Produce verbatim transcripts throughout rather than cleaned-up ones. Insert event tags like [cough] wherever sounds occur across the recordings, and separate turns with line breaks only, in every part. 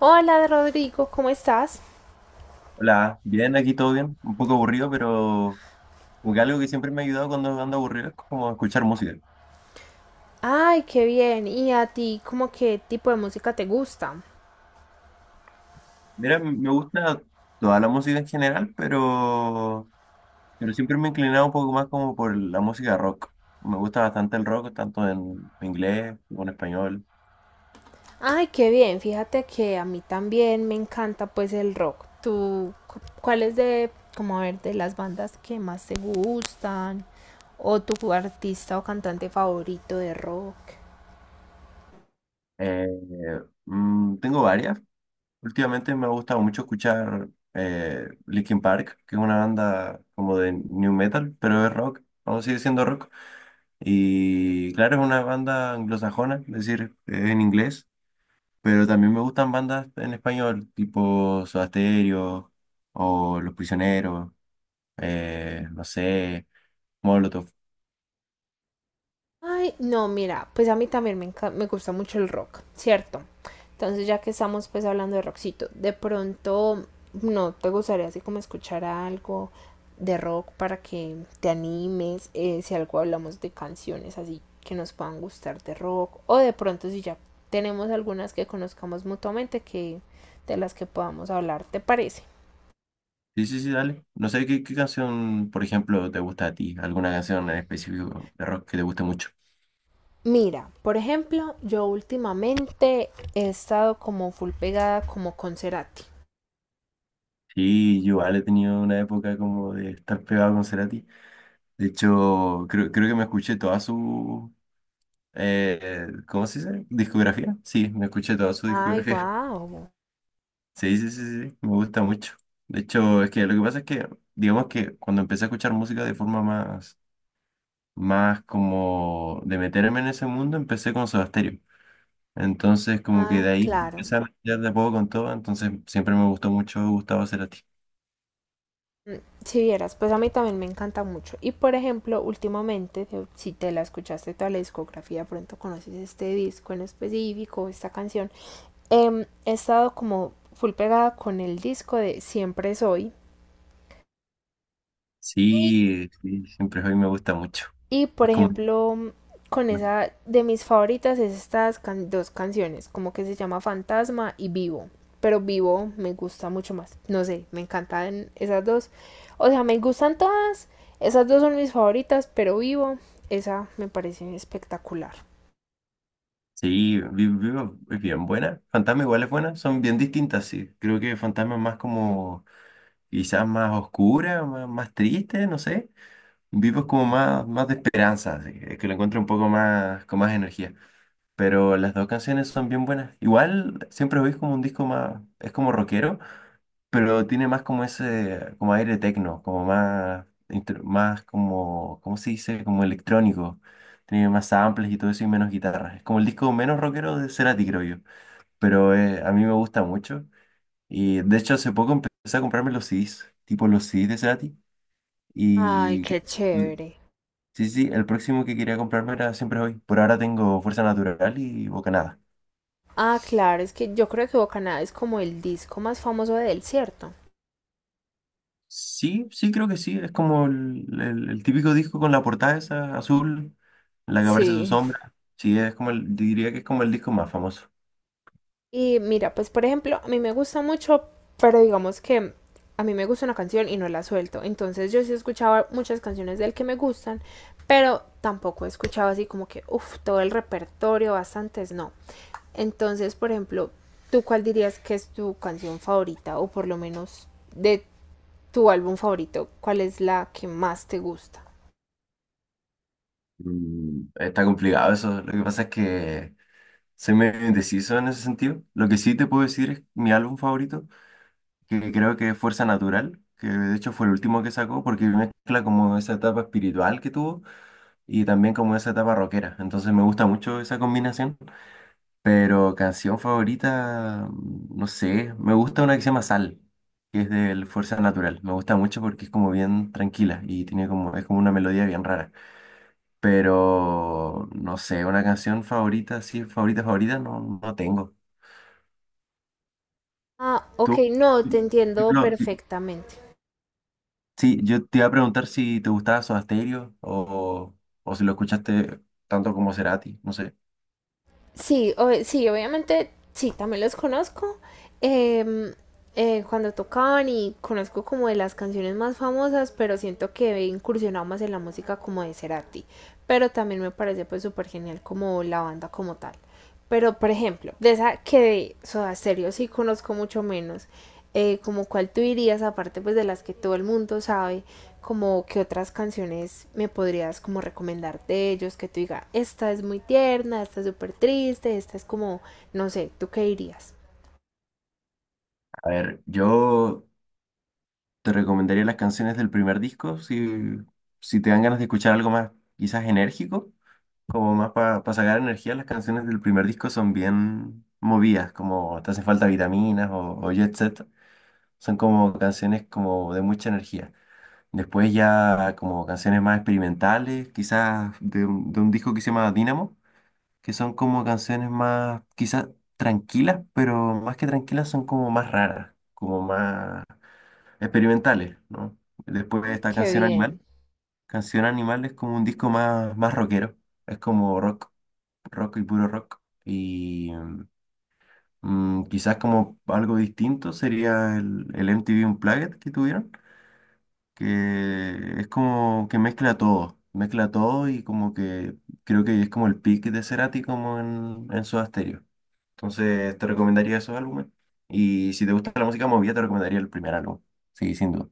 Hola Rodrigo, ¿cómo estás?
Hola, bien, aquí todo bien, un poco aburrido, pero como que algo que siempre me ha ayudado cuando ando aburrido es como escuchar música.
Ay, qué bien. ¿Y a ti, como qué tipo de música te gusta?
Mira, m- me gusta toda la música en general, pero, pero siempre me he inclinado un poco más como por la música rock. Me gusta bastante el rock, tanto en inglés como en español.
Ay, qué bien. Fíjate que a mí también me encanta pues el rock. ¿Tú cu- cuál es de, como a ver, de las bandas que más te gustan? ¿O tu artista o cantante favorito de rock?
Eh, mm, Tengo varias. Últimamente me ha gustado mucho escuchar eh, Linkin Park, que es una banda como de new metal, pero es rock, aún sigue siendo rock. Y claro, es una banda anglosajona, es decir, eh, en inglés, pero también me gustan bandas en español, tipo Soda Stereo o Los Prisioneros, eh, no sé, Molotov.
Ay, no, mira, pues a mí también me, enca- me gusta mucho el rock, ¿cierto? Entonces, ya que estamos pues hablando de rockcito, de pronto, ¿no te gustaría así como escuchar algo de rock para que te animes? Eh, si algo hablamos de canciones así que nos puedan gustar de rock, o de pronto si ya tenemos algunas que conozcamos mutuamente que de las que podamos hablar, ¿te parece?
Sí, sí, sí, dale. No sé qué, qué canción, por ejemplo, te gusta a ti, alguna canción en específico de rock que te guste mucho.
Mira, por ejemplo, yo últimamente he estado como full pegada como con Cerati.
Sí, yo igual he tenido una época como de estar pegado con Cerati. De hecho, creo, creo que me escuché toda su, eh, ¿cómo se dice? Discografía. Sí, me escuché toda su
Ay,
discografía.
guau.
Sí, sí, sí, sí, me gusta mucho. De hecho, es que lo que pasa es que, digamos que cuando empecé a escuchar música de forma más, más como de meterme en ese mundo, empecé con Soda Stereo. Entonces, como que de
Ah,
ahí
claro.
empecé a mezclar de a poco con todo, entonces siempre me gustó mucho Gustavo Cerati.
Mm, si vieras, pues a mí también me encanta mucho. Y por ejemplo, últimamente, te- si te la escuchaste toda la discografía, pronto conoces este disco en específico, esta canción. Em, he estado como full pegada con el disco de Siempre Soy.
Sí, sí, siempre hoy me gusta mucho.
Y por
Es como,
ejemplo, con esa de mis favoritas es estas can- dos canciones, como que se llama Fantasma y Vivo. Pero Vivo me gusta mucho más. No sé, me encantan esas dos. O sea, me gustan todas. Esas dos son mis favoritas, pero Vivo, esa me parece espectacular.
sí, Vi- Vivo es bien buena, Fantasma igual es buena, son bien distintas, sí. Creo que Fantasma es más como, quizás más oscura, más, más triste, no sé. Vivo es como más, más de esperanza, así que, que lo encuentro un poco más, con más energía. Pero las dos canciones son bien buenas. Igual siempre oís como un disco más, es como rockero, pero tiene más como ese, como aire tecno, como más, intro- más como, ¿cómo se dice? Como electrónico. Tiene más samples y todo eso y menos guitarras. Es como el disco menos rockero de Cerati, creo yo. Pero eh, a mí me gusta mucho. Y de hecho hace poco empecé a comprarme los C Ds, tipo los C Ds de Cerati.
Ay,
Y
qué chévere.
sí, sí, el próximo que quería comprarme era Siempre Hoy. Por ahora tengo Fuerza Natural y Bocanada.
Ah, claro, es que yo creo que Bocaná es como el disco más famoso de él, ¿cierto?
Sí, sí, creo que sí. Es como el, el- el típico disco con la portada esa azul, en la que aparece su
Sí.
sombra. Sí, es como el, diría que es como el disco más famoso.
Y mira, pues por ejemplo, a mí me gusta mucho, pero digamos que a mí me gusta una canción y no la suelto. Entonces yo sí escuchaba muchas canciones de él que me gustan, pero tampoco he escuchado así como que, uff, todo el repertorio, bastantes no. Entonces, por ejemplo, ¿tú cuál dirías que es tu canción favorita o por lo menos de tu álbum favorito? ¿Cuál es la que más te gusta?
Mm, está complicado eso. Lo que pasa es que soy medio indeciso en ese sentido. Lo que sí te puedo decir es mi álbum favorito, que creo que es Fuerza Natural, que de hecho fue el último que sacó porque mezcla como esa etapa espiritual que tuvo y también como esa etapa rockera. Entonces me gusta mucho esa combinación. Pero canción favorita, mm, no sé, me gusta una que se llama Sal, que es del Fuerza Natural. Me gusta mucho porque es como bien tranquila y tiene como, es como una melodía bien rara. Pero no sé, una canción favorita, sí, favorita, favorita, no, no tengo.
Ah, ok,
¿Tú?
no, te entiendo
Lo-
perfectamente.
Sí, yo te iba a preguntar si te gustaba Soda Stereo o, o si lo escuchaste tanto como Cerati, no sé.
Sí, ob- sí, obviamente, sí, también los conozco. Em, eh, cuando tocaban y conozco como de las canciones más famosas, pero siento que he incursionado más en la música como de Cerati. Pero también me parece pues súper genial como la banda como tal. Pero, por ejemplo, de esa que de Soda Stereo sí conozco mucho menos, eh, como cuál tú dirías, aparte pues de las que todo el mundo sabe, como qué otras canciones me podrías como recomendar de ellos, que tú digas, esta es muy tierna, esta es súper triste, esta es como, no sé, ¿tú qué dirías?
A ver, yo te recomendaría las canciones del primer disco si, si te dan ganas de escuchar algo más, quizás enérgico, como más para sacar energía. Las canciones del primer disco son bien movidas, como te hacen falta vitaminas o, o jet set. Son como canciones como de mucha energía. Después ya como canciones más experimentales, quizás de, un de un disco que se llama Dynamo, que son como canciones más quizás tranquilas, pero más que tranquilas son como más raras, como más experimentales, ¿no? Después de esta
Qué
canción Animal,
bien.
canción Animal es como un disco más, más rockero, es como rock, rock y puro rock. Y mm, quizás como algo distinto sería el, el M T V Unplugged que tuvieron, que es como que mezcla todo, mezcla todo y como que creo que es como el peak de Cerati como en, en Soda Stereo. Entonces te recomendaría esos álbumes. Y si te gusta la música movida, te recomendaría el primer álbum. Sí, sin duda.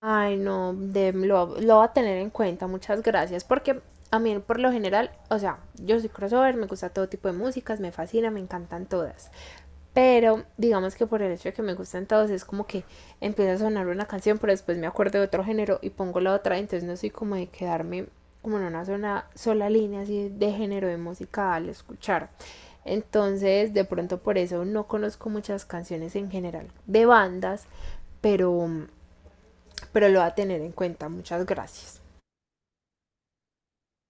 Ay, no, de- lo, lo voy a tener en cuenta, muchas gracias, porque a mí por lo general, o sea, yo soy crossover, me gusta todo tipo de músicas, me fascina, me encantan todas. Pero digamos que por el hecho de que me gustan todos, es como que empieza a sonar una canción, pero después me acuerdo de otro género y pongo la otra, entonces no soy como de quedarme como en una zona- sola línea así de género de música al escuchar. Entonces, de pronto por eso no conozco muchas canciones en general de bandas, pero pero lo va a tener en cuenta. Muchas gracias.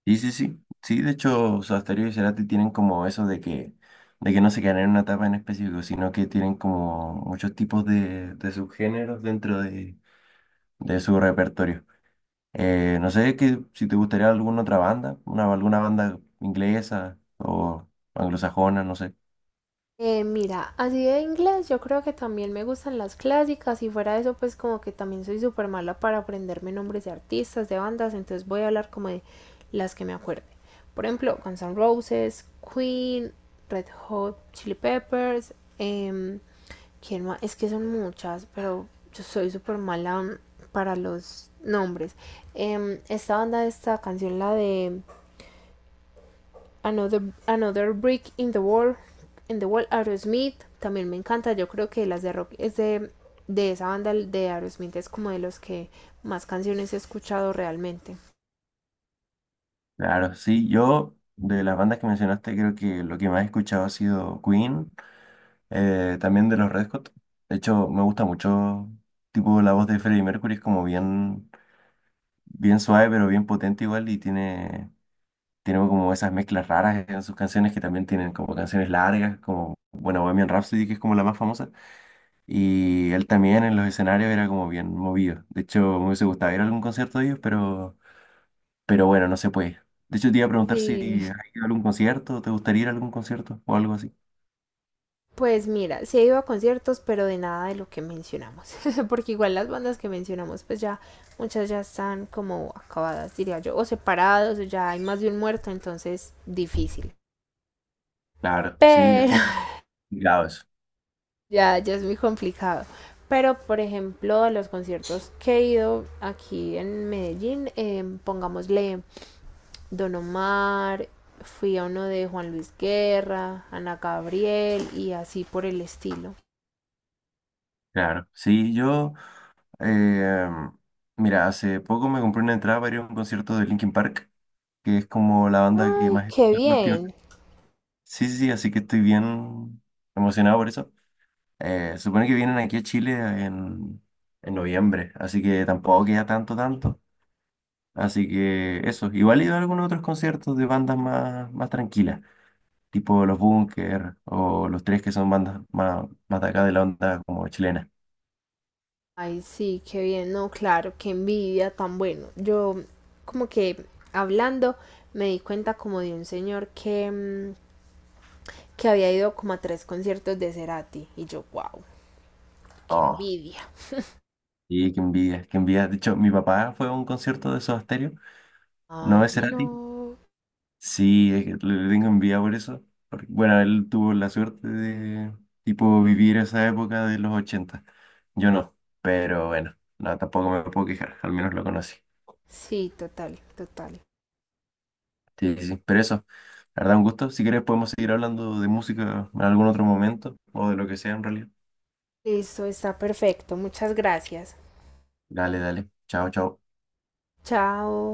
Sí, sí, sí. Sí, de hecho, Sobasterio y Cerati tienen como eso de que, de que no se quedan en una etapa en específico, sino que tienen como muchos tipos de, de subgéneros dentro de, de su repertorio. Eh, no sé que, si te gustaría alguna otra banda, una, alguna banda inglesa o anglosajona, no sé.
Eh, mira, así de inglés yo creo que también me gustan las clásicas y fuera de eso pues como que también soy súper mala para aprenderme nombres de artistas, de bandas, entonces voy a hablar como de las que me acuerde. Por ejemplo, Guns N' Roses, Queen, Red Hot Chili Peppers, em, ¿quién más? Es que son muchas, pero yo soy súper mala para los nombres. Em, esta banda, esta canción, la de Another, Another Brick in the Wall, in the Wall, Aerosmith, también me encanta, yo creo que las de rock es de, de esa banda de Aerosmith, es como de los que más canciones he escuchado realmente.
Claro, sí, yo de las bandas que mencionaste creo que lo que más he escuchado ha sido Queen, eh, también de los Red Hot. De hecho, me gusta mucho, tipo, la voz de Freddie Mercury es como bien bien suave, pero bien potente igual, y tiene, tiene como esas mezclas raras en sus canciones que también tienen como canciones largas, como, bueno, Bohemian Rhapsody, que es como la más famosa, y él también en los escenarios era como bien movido. De hecho, me hubiese gustado ir a algún concierto de ellos, pero, pero bueno, no se puede. De hecho, te iba a preguntar si
Sí.
has ido a algún concierto, ¿te gustaría ir a algún concierto o algo así?
Pues mira, sí he ido a conciertos, pero de nada de lo que mencionamos, [laughs] porque igual las bandas que mencionamos, pues ya muchas ya están como acabadas, diría yo, o separados, o ya hay más de un muerto, entonces difícil.
Claro, sí, es
Pero
complicado eso.
ya, ya es muy complicado. Pero, por ejemplo, a los conciertos que he ido aquí en Medellín, eh, pongámosle Don Omar, fui a uno de Juan Luis Guerra, Ana Gabriel y así por el estilo.
Claro, sí, yo, eh, mira, hace poco me compré una entrada para ir a un concierto de Linkin Park que es como la banda que
Ay,
más he
qué
escuchado últimamente.
bien.
Sí, sí, sí, así que estoy bien emocionado por eso. Eh, se supone que vienen aquí a Chile en, en noviembre, así que tampoco queda tanto, tanto. Así que eso, igual he ido a algunos otros conciertos de bandas más, más tranquilas, tipo Los Bunkers o Los Tres, que son bandas más, más de acá de la onda como chilena.
Ay, sí, qué bien. No, claro, qué envidia tan bueno. Yo, como que hablando, me di cuenta como de un señor que, mm, que había ido como a tres conciertos de Cerati y yo, wow, qué
Oh,
envidia.
y qué envidia, qué envidia. De hecho, mi papá fue a un concierto de Soda Stereo, no
Ay,
de Cerati.
no.
Sí, es que le tengo envidia por eso, porque, bueno, él tuvo la suerte de, tipo, vivir esa época de los ochenta. Yo no, pero bueno, no, tampoco me puedo quejar, al menos lo conocí.
Sí, total, total.
Sí, sí, sí, pero eso, la verdad, un gusto. Si quieres, podemos seguir hablando de música en algún otro momento o de lo que sea en realidad.
Listo, está perfecto. Muchas gracias.
Dale, dale. Chao, chao.
Chao.